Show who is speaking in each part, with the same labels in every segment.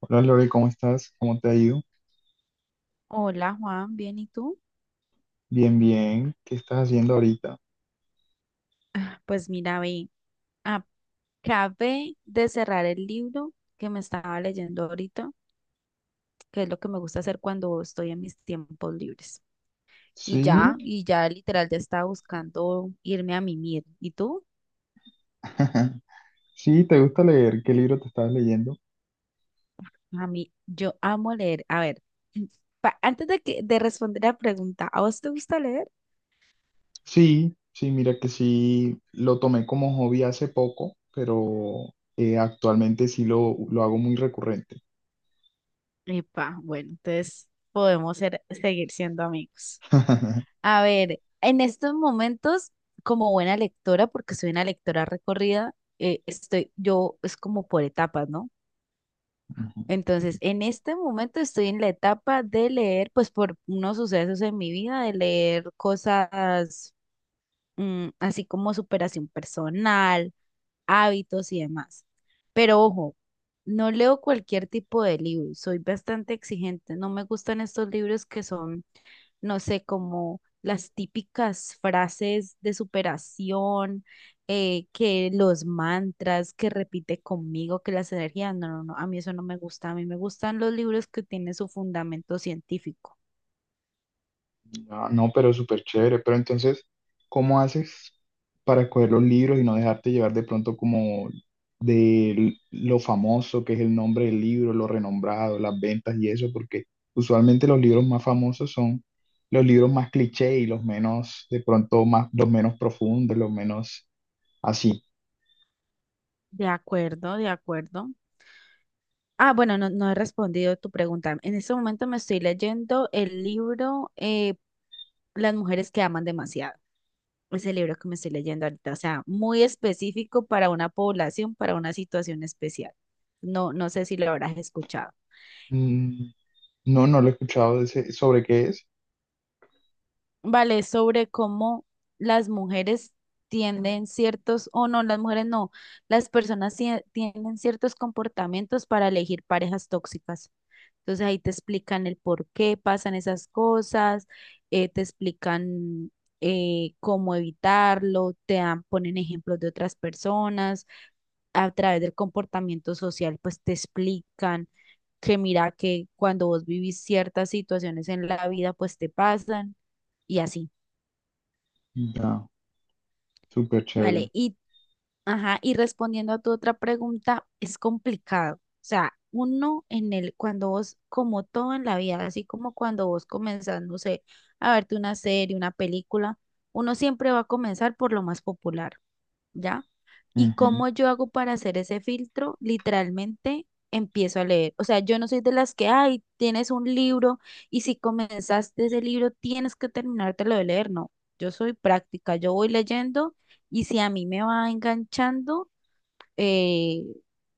Speaker 1: Hola Lore, ¿cómo estás? ¿Cómo te ha ido?
Speaker 2: Hola Juan, ¿bien y tú?
Speaker 1: Bien, bien. ¿Qué estás haciendo ahorita?
Speaker 2: Pues mira, ve, acabé de cerrar el libro que me estaba leyendo ahorita, que es lo que me gusta hacer cuando estoy en mis tiempos libres. Y
Speaker 1: Sí,
Speaker 2: ya, y ya literal ya estaba buscando irme a mimir. ¿Y tú?
Speaker 1: sí, ¿te gusta leer? ¿Qué libro te estás leyendo?
Speaker 2: A mí, yo amo leer. A ver, antes de que de responder la pregunta, ¿a vos te gusta leer?
Speaker 1: Sí, sí, mira que sí, lo tomé como hobby hace poco, pero actualmente sí lo hago muy recurrente.
Speaker 2: Epa, bueno, entonces seguir siendo amigos. A ver, en estos momentos, como buena lectora, porque soy una lectora recorrida, yo es como por etapas, ¿no? Entonces, en este momento estoy en la etapa de leer, pues por unos sucesos en mi vida, de leer cosas así como superación personal, hábitos y demás. Pero ojo, no leo cualquier tipo de libro, soy bastante exigente, no me gustan estos libros que son no sé, como las típicas frases de superación, que los mantras que repite conmigo, que las energías, no, no, no, a mí eso no me gusta, a mí me gustan los libros que tienen su fundamento científico.
Speaker 1: Ah, no, pero súper chévere. Pero entonces, ¿cómo haces para coger los libros y no dejarte llevar de pronto como de lo famoso que es el nombre del libro, lo renombrado, las ventas y eso? Porque usualmente los libros más famosos son los libros más cliché y los menos, de pronto, más, los menos profundos, los menos así.
Speaker 2: De acuerdo, de acuerdo. Ah, bueno, no, no he respondido tu pregunta. En este momento me estoy leyendo el libro Las mujeres que aman demasiado. Ese libro que me estoy leyendo ahorita, o sea, muy específico para una población, para una situación especial. No, no sé si lo habrás escuchado.
Speaker 1: Mm, no, no lo he escuchado ¿Sobre qué es?
Speaker 2: Vale, es sobre cómo las mujeres tienden ciertos, o no, las mujeres no, las personas tienen ciertos comportamientos para elegir parejas tóxicas. Entonces ahí te explican el por qué pasan esas cosas, te explican cómo evitarlo, ponen ejemplos de otras personas a través del comportamiento social, pues te explican que mira que cuando vos vivís ciertas situaciones en la vida, pues te pasan y así,
Speaker 1: Ya, súper chévere.
Speaker 2: ¿vale? Ajá, y respondiendo a tu otra pregunta, es complicado. O sea, cuando vos, como todo en la vida, así como cuando vos comenzás, no sé, a verte una serie, una película, uno siempre va a comenzar por lo más popular. ¿Ya? ¿Y cómo yo hago para hacer ese filtro? Literalmente empiezo a leer. O sea, yo no soy de las que, ay, tienes un libro y si comenzaste ese libro tienes que terminártelo de leer. No, yo soy práctica, yo voy leyendo y si a mí me va enganchando, eh,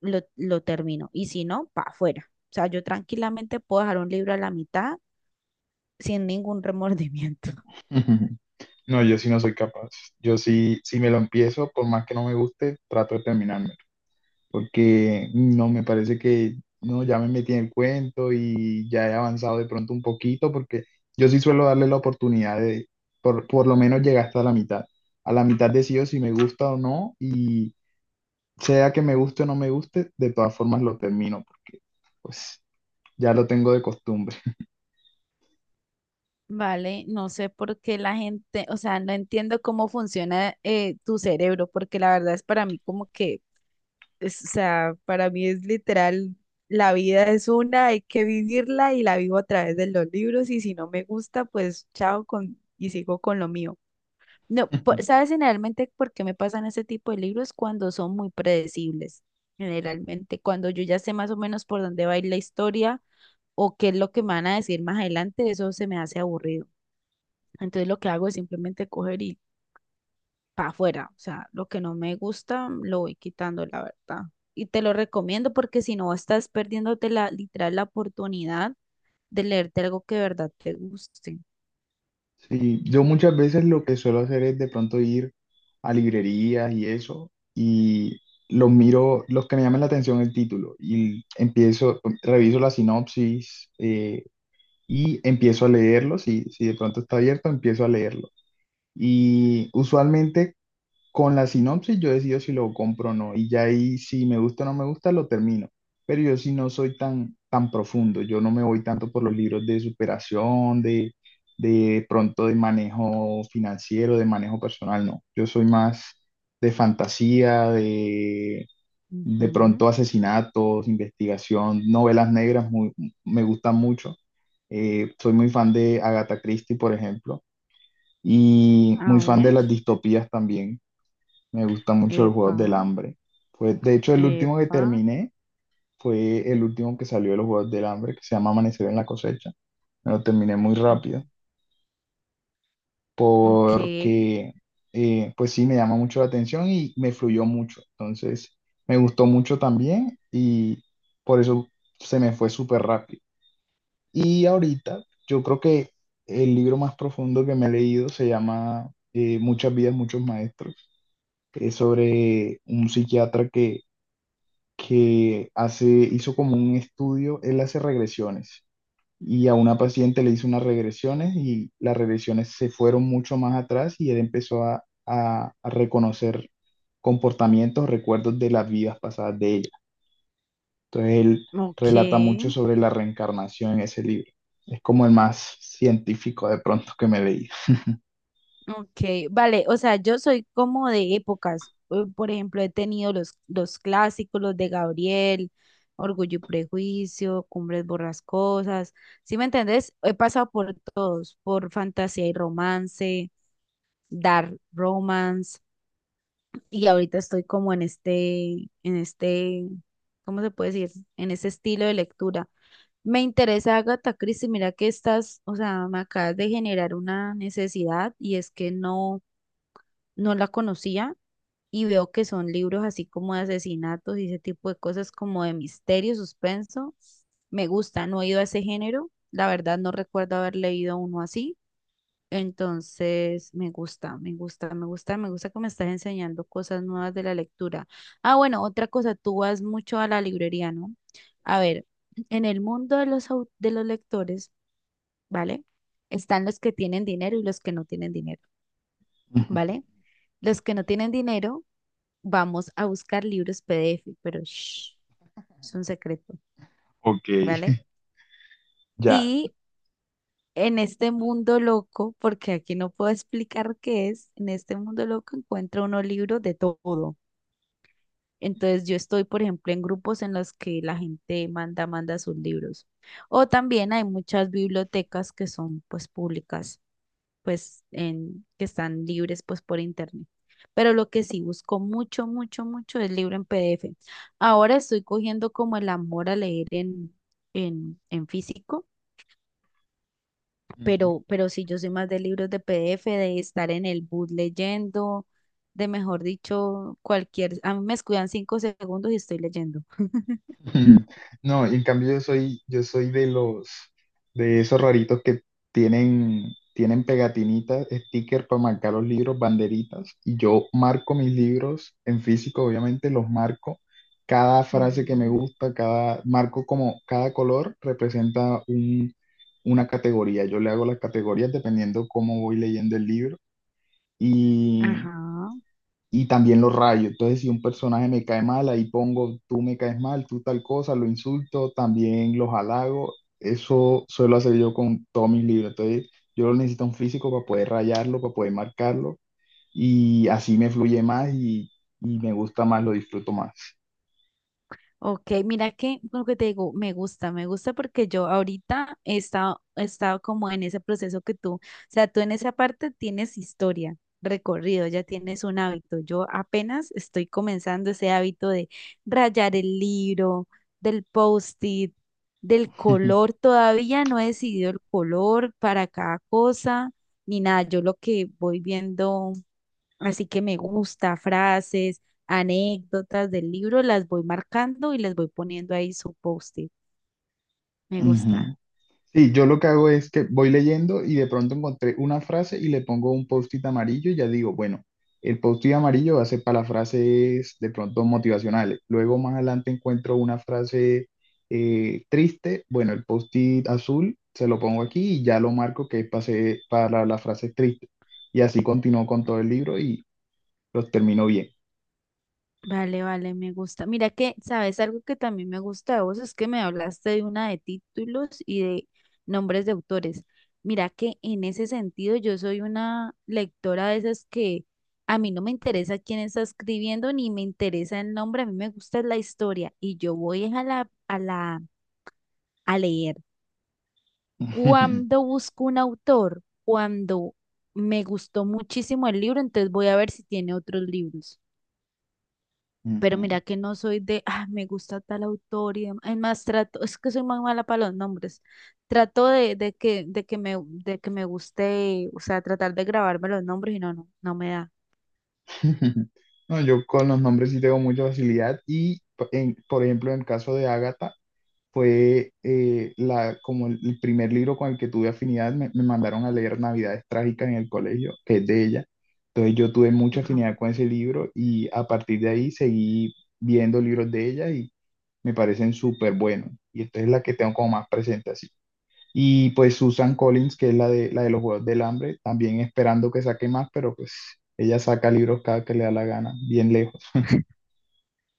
Speaker 2: lo termino. Y si no, para afuera. O sea, yo tranquilamente puedo dejar un libro a la mitad sin ningún remordimiento.
Speaker 1: Ujú. No, yo sí no soy capaz. Yo sí, si me lo empiezo, por más que no me guste, trato de terminármelo. Porque no me parece que no, ya me metí en el cuento y ya he avanzado de pronto un poquito, porque yo sí suelo darle la oportunidad por lo menos llegar hasta la mitad. A la mitad decido si me gusta o no, y sea que me guste o no me guste, de todas formas lo termino, porque pues ya lo tengo de costumbre.
Speaker 2: Vale, no sé por qué la gente, o sea, no entiendo cómo funciona tu cerebro, porque la verdad es para mí como que, o sea, para mí es literal, la vida es una, hay que vivirla y la vivo a través de los libros y si no me gusta, pues chao con, y sigo con lo mío. No, por- ¿sabes generalmente por qué me pasan ese tipo de libros? Cuando son muy predecibles, generalmente, cuando yo ya sé más o menos por dónde va a ir la historia o qué es lo que me van a decir más adelante, eso se me hace aburrido. Entonces lo que hago es simplemente coger y para afuera. O sea, lo que no me gusta lo voy quitando, la verdad. Y te lo recomiendo porque si no estás perdiéndote la, literal, la oportunidad de leerte algo que de verdad te guste.
Speaker 1: Sí, yo muchas veces lo que suelo hacer es de pronto ir a librerías y eso, y los miro, los que me llaman la atención el título, y empiezo, reviso la sinopsis y empiezo a leerlo, si de pronto está abierto, empiezo a leerlo. Y usualmente con la sinopsis yo decido si lo compro o no, y ya ahí si me gusta o no me gusta lo termino. Pero yo sí no soy tan, tan profundo, yo no me voy tanto por los libros de superación, de pronto de manejo financiero, de manejo personal, no. Yo soy más de fantasía, de
Speaker 2: Ujú.
Speaker 1: pronto asesinatos, investigación, novelas negras, me gustan mucho. Soy muy fan de Agatha Christie, por ejemplo, y
Speaker 2: A
Speaker 1: muy fan de
Speaker 2: ver.
Speaker 1: las distopías también. Me gusta mucho los
Speaker 2: Epa,
Speaker 1: Juegos del Hambre. Pues, de hecho, el último que
Speaker 2: epa.
Speaker 1: terminé fue el último que salió de los Juegos del Hambre, que se llama Amanecer en la cosecha. Me lo terminé muy
Speaker 2: mm,
Speaker 1: rápido
Speaker 2: Ok,
Speaker 1: porque, pues sí, me llama mucho la atención y me fluyó mucho. Entonces, me gustó mucho también y por eso se me fue súper rápido. Y ahorita, yo creo que el libro más profundo que me he leído se llama Muchas vidas, muchos maestros. Es sobre un psiquiatra que hace, hizo como un estudio, él hace regresiones y a una paciente le hizo unas regresiones y las regresiones se fueron mucho más atrás y él empezó a reconocer comportamientos, recuerdos de las vidas pasadas de ella. Entonces él relata mucho
Speaker 2: ok.
Speaker 1: sobre la reencarnación en ese libro. Es como el más científico de pronto que me leí.
Speaker 2: Ok, vale, o sea, yo soy como de épocas. Por ejemplo, he tenido los clásicos, los de Gabriel, Orgullo y Prejuicio, Cumbres Borrascosas. ¿Sí me entendés? He pasado por todos, por fantasía y romance, dark romance, y ahorita estoy como en este, ¿cómo se puede decir? En ese estilo de lectura. Me interesa Agatha Christie, mira que estás, o sea, me acabas de generar una necesidad y es que no no la conocía y veo que son libros así como de asesinatos y ese tipo de cosas como de misterio, suspenso. Me gusta, no he ido a ese género. La verdad no recuerdo haber leído uno así. Entonces, me gusta, me gusta, me gusta, me gusta que me estás enseñando cosas nuevas de la lectura. Ah, bueno, otra cosa, tú vas mucho a la librería, ¿no? A ver, en el mundo de de los lectores, ¿vale? Están los que tienen dinero y los que no tienen dinero, ¿vale? Los que no tienen dinero vamos a buscar libros PDF, pero shh, es un secreto,
Speaker 1: Ok.
Speaker 2: ¿vale?
Speaker 1: Ya.
Speaker 2: Y en este mundo loco, porque aquí no puedo explicar qué es, en este mundo loco encuentra uno libro de todo. Entonces yo estoy, por ejemplo, en grupos en los que la gente manda sus libros. O también hay muchas bibliotecas que son pues públicas pues que están libres pues por internet. Pero lo que sí busco mucho, mucho, mucho es libro en PDF. Ahora estoy cogiendo como el amor a leer en físico,
Speaker 1: Ujú.
Speaker 2: pero sí yo soy más de libros de PDF, de estar en el bus leyendo, de mejor dicho, cualquier, a mí me escudan 5 segundos y estoy leyendo.
Speaker 1: No, y en cambio yo soy de los, de esos raritos que tienen, tienen pegatinitas, stickers para marcar los libros, banderitas, y yo marco mis libros en físico, obviamente los marco, cada frase que me
Speaker 2: Ujú.
Speaker 1: gusta, cada, marco como cada color representa un, una categoría, yo le hago las categorías dependiendo cómo voy leyendo el libro,
Speaker 2: Ajá.
Speaker 1: y también los rayos. Entonces, si un personaje me cae mal, ahí pongo, tú me caes mal, tú tal cosa, lo insulto, también los halago. Eso suelo hacer yo con todos mis libros. Entonces, yo necesito un físico para poder rayarlo, para poder marcarlo y así me fluye más y me gusta más, lo disfruto más.
Speaker 2: Ok, mira que lo que te digo, me gusta porque yo ahorita he estado como en ese proceso que tú, o sea, tú en esa parte tienes historia, recorrido, ya tienes un hábito. Yo apenas estoy comenzando ese hábito de rayar el libro, del post-it, del color. Todavía no he decidido el color para cada cosa, ni nada. Yo lo que voy viendo. Así que me gusta, frases, anécdotas del libro, las voy marcando y les voy poniendo ahí su post-it. Me
Speaker 1: Ujú.
Speaker 2: gusta.
Speaker 1: Sí, yo lo que hago es que voy leyendo y de pronto encontré una frase y le pongo un post-it amarillo y ya digo, bueno, el post-it amarillo va a ser para las frases de pronto motivacionales. Luego más adelante encuentro una frase triste, bueno, el post-it azul se lo pongo aquí y ya lo marco que es para las frases tristes. Y así continúo con todo el libro y los termino bien.
Speaker 2: Vale, vale, me gusta. Mira que, ¿sabes algo que también me gusta de vos? Es que me hablaste de una de títulos y de nombres de autores. Mira que en ese sentido yo soy una lectora de esas que a mí no me interesa quién está escribiendo ni me interesa el nombre, a mí me gusta la historia y yo voy a a leer. Cuando busco un autor, cuando me gustó muchísimo el libro, entonces voy a ver si tiene otros libros. Pero
Speaker 1: Ujú.
Speaker 2: mira que no soy de, ah, me gusta tal autor y demás. Es más, trato, es que soy muy mala para los nombres. Trato de que me guste, o sea, tratar de grabarme los nombres y no, no, no me da.
Speaker 1: No, yo con los nombres sí tengo mucha facilidad y por ejemplo en el caso de Ágata fue como el primer libro con el que tuve afinidad. Me mandaron a leer Navidades Trágicas en el colegio, que es de ella. Entonces yo tuve mucha
Speaker 2: Ajá.
Speaker 1: afinidad con ese libro y a partir de ahí seguí viendo libros de ella y me parecen súper buenos. Y esta es la que tengo como más presente así. Y pues Susan Collins, que es la de los Juegos del Hambre, también esperando que saque más, pero pues ella saca libros cada que le da la gana, bien lejos.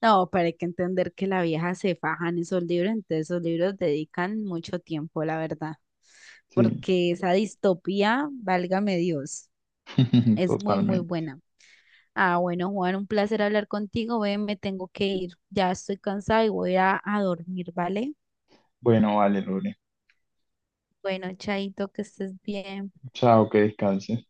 Speaker 2: No, pero hay que entender que la vieja se faja en esos libros, entonces esos libros dedican mucho tiempo, la verdad.
Speaker 1: Sí,
Speaker 2: Porque esa distopía, válgame Dios. Es muy, muy
Speaker 1: totalmente.
Speaker 2: buena. Ah, bueno, Juan, un placer hablar contigo. Ve, me tengo que ir. Ya estoy cansada y voy a dormir, ¿vale?
Speaker 1: Bueno, vale, Lore.
Speaker 2: Bueno, Chaito, que estés bien.
Speaker 1: Chao, que descanses.